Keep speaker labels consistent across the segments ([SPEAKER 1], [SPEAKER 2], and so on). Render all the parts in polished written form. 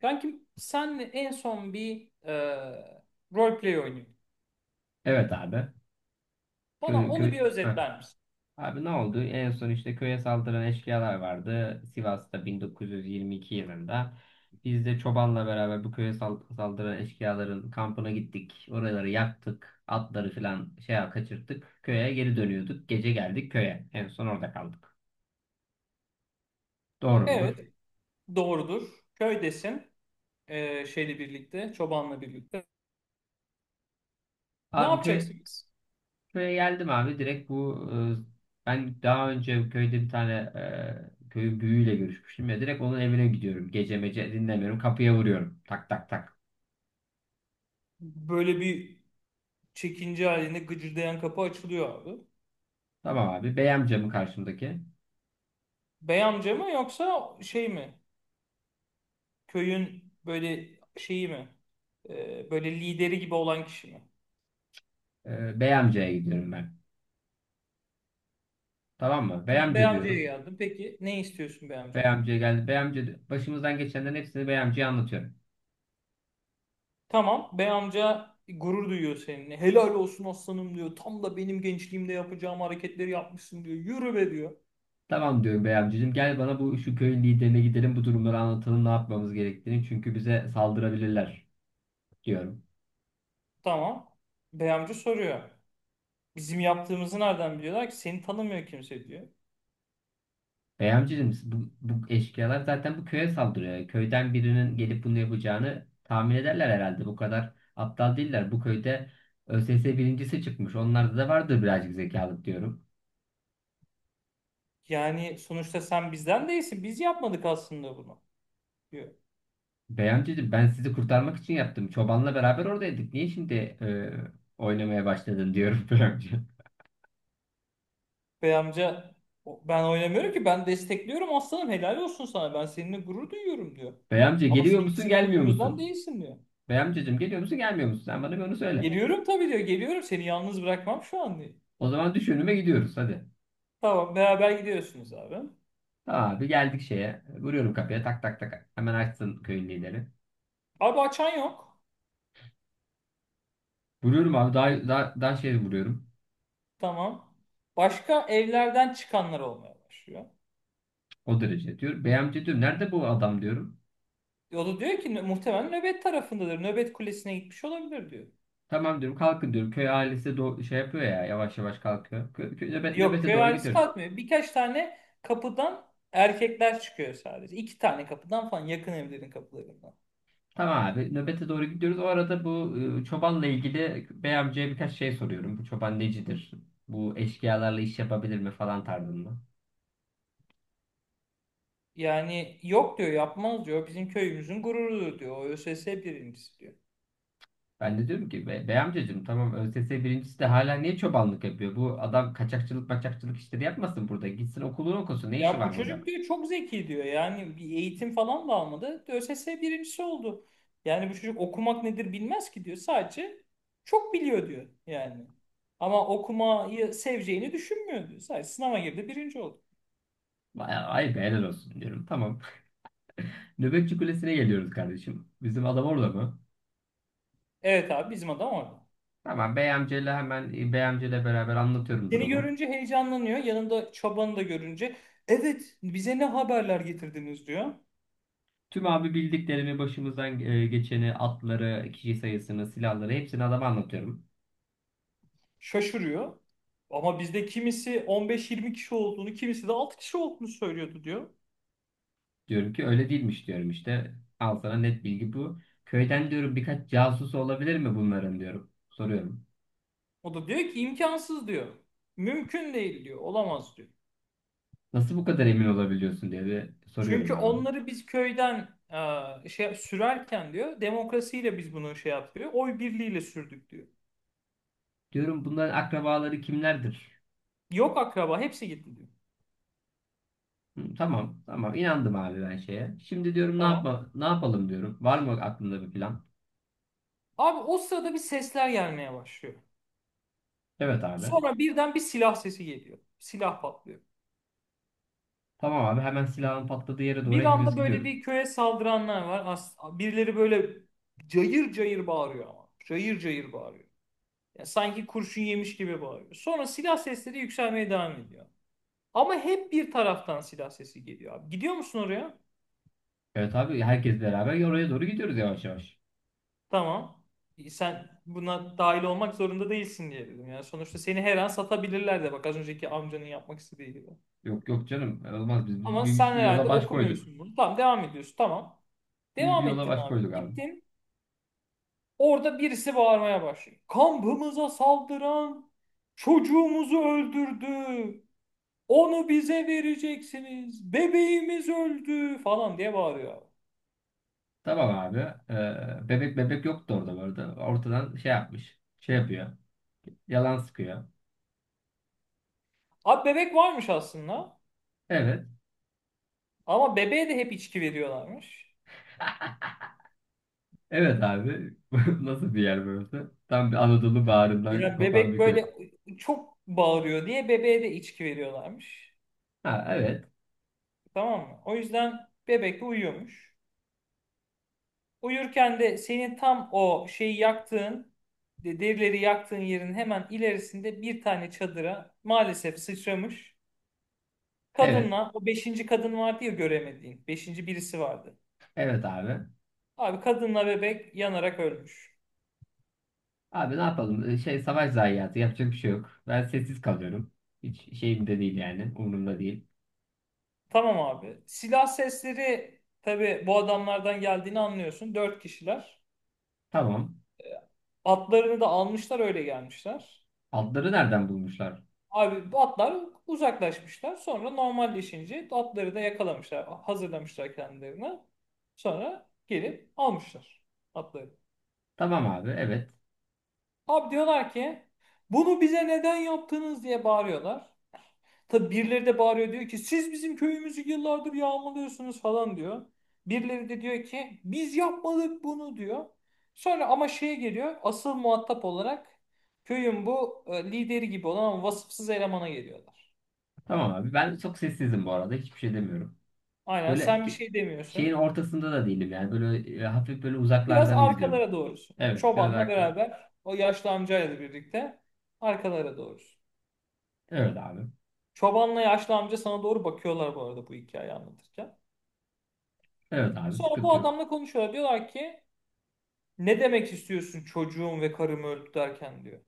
[SPEAKER 1] Kankim senle en son bir roleplay oynuyorduk.
[SPEAKER 2] Evet abi.
[SPEAKER 1] Bana
[SPEAKER 2] Köy,
[SPEAKER 1] onu
[SPEAKER 2] köy.
[SPEAKER 1] bir
[SPEAKER 2] Heh.
[SPEAKER 1] özetler misin?
[SPEAKER 2] Abi ne oldu? En son işte köye saldıran eşkıyalar vardı. Sivas'ta 1922 yılında. Biz de çobanla beraber bu köye saldıran eşkıyaların kampına gittik. Oraları yaktık. Atları falan şey kaçırttık. Köye geri dönüyorduk. Gece geldik köye. En son orada kaldık. Doğru
[SPEAKER 1] Evet,
[SPEAKER 2] mudur?
[SPEAKER 1] doğrudur. Köydesin. Şeyle birlikte, çobanla birlikte. Ne
[SPEAKER 2] Abi köy,
[SPEAKER 1] yapacaksınız?
[SPEAKER 2] Köye geldim abi direkt ben daha önce köyde bir tane köyün büyüğüyle görüşmüştüm ya, direkt onun evine gidiyorum. Gece mece dinlemiyorum, kapıya vuruyorum, tak tak tak.
[SPEAKER 1] Böyle bir çekince halinde gıcırdayan kapı açılıyor abi.
[SPEAKER 2] Tamam abi, bey amca mı karşımdaki?
[SPEAKER 1] Bey amca mı yoksa şey mi? Köyün böyle şeyi mi? Böyle lideri gibi olan kişi mi?
[SPEAKER 2] Bey amcaya gidiyorum ben. Tamam mı? Bey
[SPEAKER 1] Bey
[SPEAKER 2] amca
[SPEAKER 1] amcaya
[SPEAKER 2] diyorum.
[SPEAKER 1] geldim. Peki ne istiyorsun bey
[SPEAKER 2] Bey
[SPEAKER 1] amcadan?
[SPEAKER 2] amcaya geldi. Bey amca başımızdan geçenlerin hepsini bey amcaya anlatıyorum.
[SPEAKER 1] Tamam, bey amca gurur duyuyor seninle. Helal olsun aslanım diyor. Tam da benim gençliğimde yapacağım hareketleri yapmışsın diyor. Yürü be diyor.
[SPEAKER 2] Tamam diyorum, bey amcacığım gel bana, şu köyün liderine gidelim, bu durumları anlatalım, ne yapmamız gerektiğini, çünkü bize saldırabilirler diyorum.
[SPEAKER 1] Tamam. Bey amca soruyor. Bizim yaptığımızı nereden biliyorlar ki? Seni tanımıyor kimse diyor.
[SPEAKER 2] Bey amcacığım bu eşkıyalar zaten bu köye saldırıyor. Köyden birinin gelip bunu yapacağını tahmin ederler herhalde. Bu kadar aptal değiller. Bu köyde ÖSS birincisi çıkmış. Onlarda da vardır birazcık zekalık diyorum.
[SPEAKER 1] Yani sonuçta sen bizden değilsin. Biz yapmadık aslında bunu diyor.
[SPEAKER 2] Bey amcacığım, ben sizi kurtarmak için yaptım. Çobanla beraber oradaydık. Niye şimdi e, oynamaya başladın diyorum bey amca.
[SPEAKER 1] Bey amca "Ben oynamıyorum ki, ben destekliyorum aslanım, helal olsun sana. Ben seninle gurur duyuyorum" diyor.
[SPEAKER 2] Bey amca,
[SPEAKER 1] Ama sen
[SPEAKER 2] geliyor musun
[SPEAKER 1] bizim
[SPEAKER 2] gelmiyor
[SPEAKER 1] köyümüzden
[SPEAKER 2] musun?
[SPEAKER 1] değilsin diyor.
[SPEAKER 2] Bey amcacığım, geliyor musun gelmiyor musun? Sen bana bir onu söyle.
[SPEAKER 1] Geliyorum tabii diyor. Geliyorum, seni yalnız bırakmam şu an diyor.
[SPEAKER 2] O zaman düş önüme, gidiyoruz hadi.
[SPEAKER 1] Tamam, beraber gidiyorsunuz abi.
[SPEAKER 2] Tamam abi, geldik şeye. Vuruyorum kapıya, tak tak tak. Hemen açsın köyün lideri.
[SPEAKER 1] Abi, açan yok.
[SPEAKER 2] Vuruyorum abi, daha, daha, daha şey vuruyorum.
[SPEAKER 1] Tamam. Başka evlerden çıkanlar olmaya başlıyor.
[SPEAKER 2] O derece diyor. Bey amca diyor, nerede bu adam diyorum.
[SPEAKER 1] O da diyor ki "Muhtemelen nöbet tarafındadır. Nöbet kulesine gitmiş olabilir" diyor.
[SPEAKER 2] Tamam diyorum, kalkın diyorum. Köy ailesi de şey yapıyor ya, yavaş yavaş kalkıyor.
[SPEAKER 1] Yok,
[SPEAKER 2] Nöbete
[SPEAKER 1] köy
[SPEAKER 2] doğru
[SPEAKER 1] ailesi
[SPEAKER 2] gidiyoruz.
[SPEAKER 1] kalkmıyor. Birkaç tane kapıdan erkekler çıkıyor sadece. İki tane kapıdan falan, yakın evlerin kapılarından.
[SPEAKER 2] Tamam abi, nöbete doğru gidiyoruz. O arada çobanla ilgili bey amcaya birkaç şey soruyorum. Bu çoban necidir? Bu eşkıyalarla iş yapabilir mi falan tarzında.
[SPEAKER 1] Yani yok diyor, yapmaz diyor. Bizim köyümüzün gururudur diyor. O ÖSS birincisi diyor.
[SPEAKER 2] Ben de diyorum ki, Bey amcacığım, tamam ÖSS birincisi de hala niye çobanlık yapıyor? Bu adam kaçakçılık maçakçılık işleri yapmasın burada. Gitsin okulunu okusun. Ne işi
[SPEAKER 1] Ya bu
[SPEAKER 2] var burada?"
[SPEAKER 1] çocuk diyor, çok zeki diyor. Yani bir eğitim falan da almadı. ÖSS birincisi oldu. Yani bu çocuk okumak nedir bilmez ki diyor. Sadece çok biliyor diyor yani. Ama okumayı seveceğini düşünmüyor diyor. Sadece sınava girdi, birinci oldu.
[SPEAKER 2] Bayağı, ay be helal olsun diyorum. Tamam. Nöbetçi Kulesi'ne geliyoruz kardeşim. Bizim adam orada mı?
[SPEAKER 1] Evet abi, bizim adam orada.
[SPEAKER 2] Tamam, Bey amcayla beraber anlatıyorum
[SPEAKER 1] Seni
[SPEAKER 2] durumu.
[SPEAKER 1] görünce heyecanlanıyor. Yanında çabanı da görünce. Evet, bize ne haberler getirdiniz diyor.
[SPEAKER 2] Tüm abi bildiklerimi, başımızdan geçeni, atları, kişi sayısını, silahları, hepsini adama anlatıyorum.
[SPEAKER 1] Şaşırıyor. Ama bizde kimisi 15-20 kişi olduğunu, kimisi de 6 kişi olduğunu söylüyordu diyor.
[SPEAKER 2] Diyorum ki öyle değilmiş diyorum işte. Al sana net bilgi bu. Köyden diyorum birkaç casusu olabilir mi bunların diyorum. Soruyorum.
[SPEAKER 1] O da diyor ki imkansız diyor. Mümkün değil diyor. Olamaz diyor.
[SPEAKER 2] Nasıl bu kadar emin olabiliyorsun diye de soruyorum
[SPEAKER 1] Çünkü
[SPEAKER 2] abi.
[SPEAKER 1] onları biz köyden şey sürerken diyor, demokrasiyle biz bunu şey yapıyor. Oy birliğiyle sürdük diyor.
[SPEAKER 2] Diyorum bunların akrabaları kimlerdir?
[SPEAKER 1] Yok, akraba hepsi gitti diyor.
[SPEAKER 2] Hı. Tamam, tamam. İnandım abi ben şeye. Şimdi diyorum
[SPEAKER 1] Tamam.
[SPEAKER 2] ne yapalım diyorum. Var mı aklında bir plan?
[SPEAKER 1] Abi, o sırada bir sesler gelmeye başlıyor.
[SPEAKER 2] Evet abi.
[SPEAKER 1] Sonra birden bir silah sesi geliyor. Silah patlıyor.
[SPEAKER 2] Tamam abi, hemen silahın patladığı yere doğru
[SPEAKER 1] Bir
[SPEAKER 2] hepimiz
[SPEAKER 1] anda böyle
[SPEAKER 2] gidiyoruz.
[SPEAKER 1] bir köye saldıranlar var. As birileri böyle cayır cayır bağırıyor ama. Cayır cayır bağırıyor. Ya sanki kurşun yemiş gibi bağırıyor. Sonra silah sesleri yükselmeye devam ediyor. Ama hep bir taraftan silah sesi geliyor abi. Gidiyor musun oraya?
[SPEAKER 2] Evet abi, herkes beraber oraya doğru gidiyoruz yavaş yavaş.
[SPEAKER 1] Tamam. Sen buna dahil olmak zorunda değilsin diye dedim. Yani sonuçta seni her an satabilirler de, bak, az önceki amcanın yapmak istediği gibi.
[SPEAKER 2] Yok yok canım, olmaz, biz bir,
[SPEAKER 1] Ama
[SPEAKER 2] bir
[SPEAKER 1] sen
[SPEAKER 2] bir yola
[SPEAKER 1] herhalde
[SPEAKER 2] baş koyduk.
[SPEAKER 1] okumuyorsun bunu. Tamam, devam ediyorsun. Tamam.
[SPEAKER 2] Biz bir
[SPEAKER 1] Devam
[SPEAKER 2] yola
[SPEAKER 1] ettin
[SPEAKER 2] baş
[SPEAKER 1] abi.
[SPEAKER 2] koyduk abi.
[SPEAKER 1] Gittin. Orada birisi bağırmaya başlıyor. Kampımıza saldıran çocuğumuzu öldürdü. Onu bize vereceksiniz. Bebeğimiz öldü falan diye bağırıyor. Abi
[SPEAKER 2] Tamam abi. Bebek bebek yoktu orada bu arada. Ortadan şey yapmış. Şey yapıyor. Yalan sıkıyor.
[SPEAKER 1] Abi bebek varmış aslında.
[SPEAKER 2] Evet.
[SPEAKER 1] Ama bebeğe de hep içki veriyorlarmış.
[SPEAKER 2] Evet abi. Nasıl bir yer burası? Tam bir Anadolu bağrından
[SPEAKER 1] Yani
[SPEAKER 2] kopan
[SPEAKER 1] bebek
[SPEAKER 2] bir köy.
[SPEAKER 1] böyle çok bağırıyor diye bebeğe de içki veriyorlarmış.
[SPEAKER 2] Ha evet.
[SPEAKER 1] Tamam mı? O yüzden bebek de uyuyormuş. Uyurken de senin tam o şeyi yaktığın, derileri yaktığın yerin hemen ilerisinde bir tane çadıra maalesef sıçramış.
[SPEAKER 2] Evet.
[SPEAKER 1] Kadınla, o beşinci kadın vardı ya göremediğin. Beşinci birisi vardı.
[SPEAKER 2] Evet abi.
[SPEAKER 1] Abi, kadınla bebek yanarak ölmüş.
[SPEAKER 2] Abi ne yapalım? Şey, savaş zayiatı, yapacak bir şey yok. Ben sessiz kalıyorum. Hiç şeyimde değil yani. Umurumda değil.
[SPEAKER 1] Tamam abi. Silah sesleri tabii bu adamlardan geldiğini anlıyorsun. Dört kişiler.
[SPEAKER 2] Tamam.
[SPEAKER 1] Atlarını da almışlar, öyle gelmişler.
[SPEAKER 2] Adları nereden bulmuşlar?
[SPEAKER 1] Abi, bu atlar uzaklaşmışlar. Sonra normalleşince atları da yakalamışlar. Hazırlamışlar kendilerini. Sonra gelip almışlar atları.
[SPEAKER 2] Tamam abi. Evet.
[SPEAKER 1] Abi, diyorlar ki bunu bize neden yaptınız diye bağırıyorlar. Tabi birileri de bağırıyor, diyor ki siz bizim köyümüzü yıllardır yağmalıyorsunuz falan diyor. Birileri de diyor ki biz yapmadık bunu diyor. Sonra ama şeye geliyor, asıl muhatap olarak köyün bu lideri gibi olan ama vasıfsız elemana geliyorlar.
[SPEAKER 2] Tamam abi. Ben çok sessizim bu arada. Hiçbir şey demiyorum.
[SPEAKER 1] Aynen,
[SPEAKER 2] Böyle
[SPEAKER 1] sen bir
[SPEAKER 2] ki-
[SPEAKER 1] şey
[SPEAKER 2] Şeyin
[SPEAKER 1] demiyorsun.
[SPEAKER 2] ortasında da değilim yani. Böyle hafif böyle
[SPEAKER 1] Biraz
[SPEAKER 2] uzaklardan izliyorum.
[SPEAKER 1] arkalara doğrusun.
[SPEAKER 2] Evet. Biraz
[SPEAKER 1] Çobanla
[SPEAKER 2] haklılar.
[SPEAKER 1] beraber, o yaşlı amcayla birlikte arkalara doğrusun.
[SPEAKER 2] Evet abi.
[SPEAKER 1] Çobanla yaşlı amca sana doğru bakıyorlar bu arada, bu hikayeyi anlatırken.
[SPEAKER 2] Evet abi.
[SPEAKER 1] Sonra bu
[SPEAKER 2] Sıkıntı yok.
[SPEAKER 1] adamla konuşuyorlar. Diyorlar ki ne demek istiyorsun çocuğum ve karım öldü derken diyor.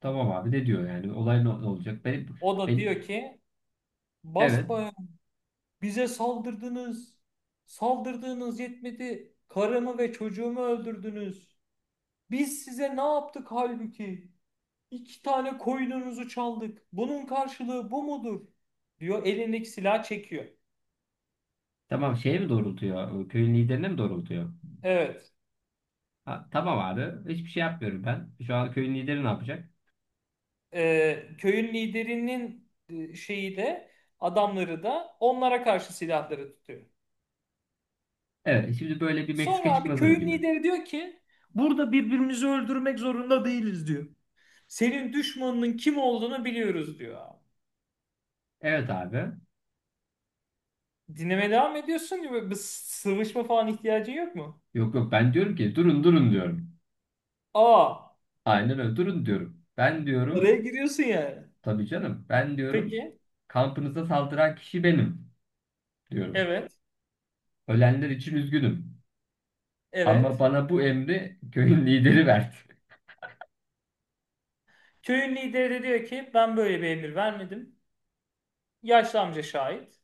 [SPEAKER 2] Tamam abi. Ne diyor yani? Olay ne, ne olacak? Benim,
[SPEAKER 1] O da diyor
[SPEAKER 2] benim.
[SPEAKER 1] ki
[SPEAKER 2] Evet.
[SPEAKER 1] basbayağı bize saldırdınız. Saldırdığınız yetmedi. Karımı ve çocuğumu öldürdünüz. Biz size ne yaptık halbuki? İki tane koyununuzu çaldık. Bunun karşılığı bu mudur? Diyor, elindeki silah çekiyor.
[SPEAKER 2] Tamam. Şeye mi doğrultuyor? Köyün liderine mi doğrultuyor?
[SPEAKER 1] Evet.
[SPEAKER 2] Ha, tamam abi. Hiçbir şey yapmıyorum ben. Şu an köyün lideri ne yapacak?
[SPEAKER 1] Köyün liderinin şeyi de, adamları da onlara karşı silahları tutuyor.
[SPEAKER 2] Evet. Şimdi böyle bir
[SPEAKER 1] Sonra
[SPEAKER 2] Meksika
[SPEAKER 1] abi,
[SPEAKER 2] çıkmazı mı
[SPEAKER 1] köyün
[SPEAKER 2] gibi?
[SPEAKER 1] lideri diyor ki burada birbirimizi öldürmek zorunda değiliz diyor. Senin düşmanının kim olduğunu biliyoruz diyor abi.
[SPEAKER 2] Evet abi.
[SPEAKER 1] Dinlemeye devam ediyorsun ve bir sıvışma falan ihtiyacın yok mu?
[SPEAKER 2] Yok yok, ben diyorum ki durun durun diyorum.
[SPEAKER 1] Aa,
[SPEAKER 2] Aynen öyle, durun diyorum. Ben
[SPEAKER 1] araya
[SPEAKER 2] diyorum
[SPEAKER 1] giriyorsun yani.
[SPEAKER 2] Tabii canım, ben diyorum
[SPEAKER 1] Peki.
[SPEAKER 2] kampınıza saldıran kişi benim diyorum.
[SPEAKER 1] Evet.
[SPEAKER 2] Ölenler için üzgünüm. Ama
[SPEAKER 1] Evet.
[SPEAKER 2] bana bu emri köyün lideri verdi.
[SPEAKER 1] Köyün lideri de diyor ki ben böyle bir emir vermedim. Yaşlı amca şahit.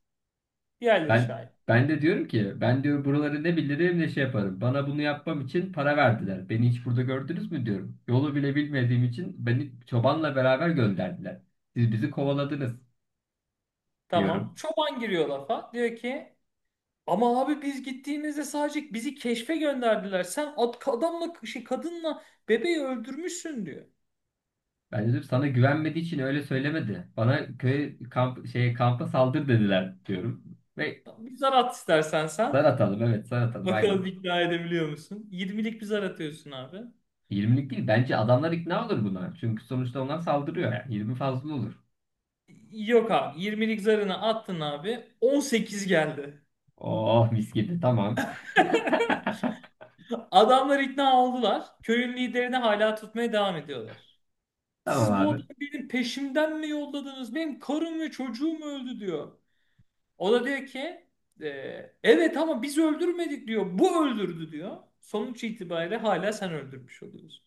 [SPEAKER 1] Diğerleri
[SPEAKER 2] Ben
[SPEAKER 1] şahit.
[SPEAKER 2] ben de diyorum ki, ben diyor buraları ne bilirim ne şey yaparım. Bana bunu yapmam için para verdiler. Beni hiç burada gördünüz mü diyorum. Yolu bile bilmediğim için beni çobanla beraber gönderdiler. Siz bizi kovaladınız
[SPEAKER 1] Tamam.
[SPEAKER 2] diyorum.
[SPEAKER 1] Çoban giriyor lafa. Diyor ki ama abi, biz gittiğimizde sadece bizi keşfe gönderdiler. Sen adamla şey, kadınla bebeği öldürmüşsün diyor.
[SPEAKER 2] Ben dedim, sana güvenmediği için öyle söylemedi. Bana köy kamp şey kampa saldır dediler diyorum. Ve
[SPEAKER 1] Tamam, bir zar at istersen
[SPEAKER 2] zar
[SPEAKER 1] sen.
[SPEAKER 2] atalım, evet zar atalım
[SPEAKER 1] Bakalım
[SPEAKER 2] aynen.
[SPEAKER 1] ikna edebiliyor musun? 20'lik bir zar atıyorsun abi.
[SPEAKER 2] 20'lik değil bence, adamlar ikna olur buna. Çünkü sonuçta onlar saldırıyor, yani 20 fazla olur.
[SPEAKER 1] Yok abi. 20'lik zarını attın abi. 18 geldi.
[SPEAKER 2] Oh mis gibi, tamam.
[SPEAKER 1] Adamlar ikna oldular. Köyün liderini hala tutmaya devam ediyorlar.
[SPEAKER 2] Tamam
[SPEAKER 1] Siz bu adamı
[SPEAKER 2] abi.
[SPEAKER 1] benim peşimden mi yolladınız? Benim karım ve çocuğum öldü diyor. O da diyor ki e, evet, ama biz öldürmedik diyor. Bu öldürdü diyor. Sonuç itibariyle hala sen öldürmüş oluyorsun.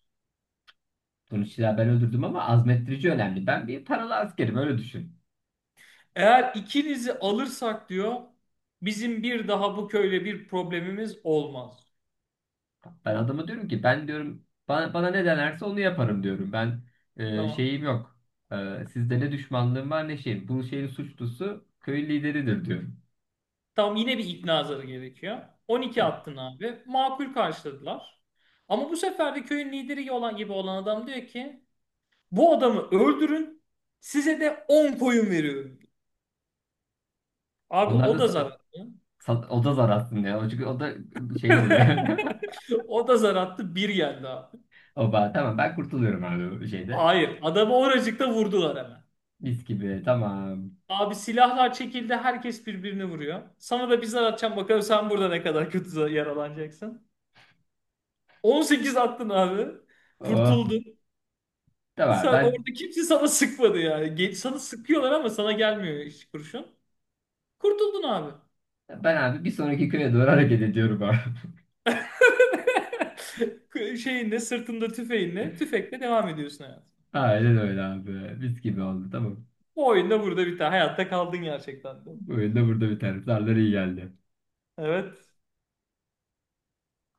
[SPEAKER 2] Sonuçta ben öldürdüm ama azmettirici önemli. Ben bir paralı askerim, öyle düşün.
[SPEAKER 1] Eğer ikinizi alırsak diyor, bizim bir daha bu köyle bir problemimiz olmaz.
[SPEAKER 2] Ben adama diyorum ki, ben diyorum bana ne denerse onu yaparım diyorum. Ben
[SPEAKER 1] Tamam.
[SPEAKER 2] şeyim yok. Sizde ne düşmanlığım var ne şeyim. Bu şeyin suçlusu köyün lideridir diyorum.
[SPEAKER 1] Tamam, yine bir ikna zarı gerekiyor. 12
[SPEAKER 2] Tamam.
[SPEAKER 1] attın abi. Makul karşıladılar. Ama bu sefer de köyün lideri olan gibi olan adam diyor ki bu adamı öldürün, size de 10 koyun veriyorum. Abi,
[SPEAKER 2] Onlar
[SPEAKER 1] o
[SPEAKER 2] da
[SPEAKER 1] da zararlı.
[SPEAKER 2] o da zar aslında ya. Çünkü o da şey oluyor.
[SPEAKER 1] O da zar attı, bir geldi abi.
[SPEAKER 2] Oba tamam, ben kurtuluyorum abi bu şeyde.
[SPEAKER 1] Hayır. Adamı oracıkta vurdular hemen.
[SPEAKER 2] Mis gibi, tamam.
[SPEAKER 1] Abi, silahlar çekildi. Herkes birbirini vuruyor. Sana da bir zar atacağım. Bakalım sen burada ne kadar kötü yaralanacaksın. 18 attın abi.
[SPEAKER 2] Oh,
[SPEAKER 1] Kurtuldun. Sen,
[SPEAKER 2] tamam, ben
[SPEAKER 1] orada kimse sana sıkmadı yani. Geç, sana sıkıyorlar ama sana gelmiyor hiç kurşun. Kurtuldun abi.
[SPEAKER 2] ben abi bir sonraki köye doğru hareket ediyorum abi.
[SPEAKER 1] Şeyinle, sırtında tüfeğinle, tüfekle devam ediyorsun hayatına.
[SPEAKER 2] Aynen öyle abi. Mis gibi
[SPEAKER 1] Tamam.
[SPEAKER 2] oldu, tamam.
[SPEAKER 1] Bu oyunda burada biter. Hayatta kaldın gerçekten de.
[SPEAKER 2] Bu oyunda burada biter. Darlar iyi geldi.
[SPEAKER 1] Evet.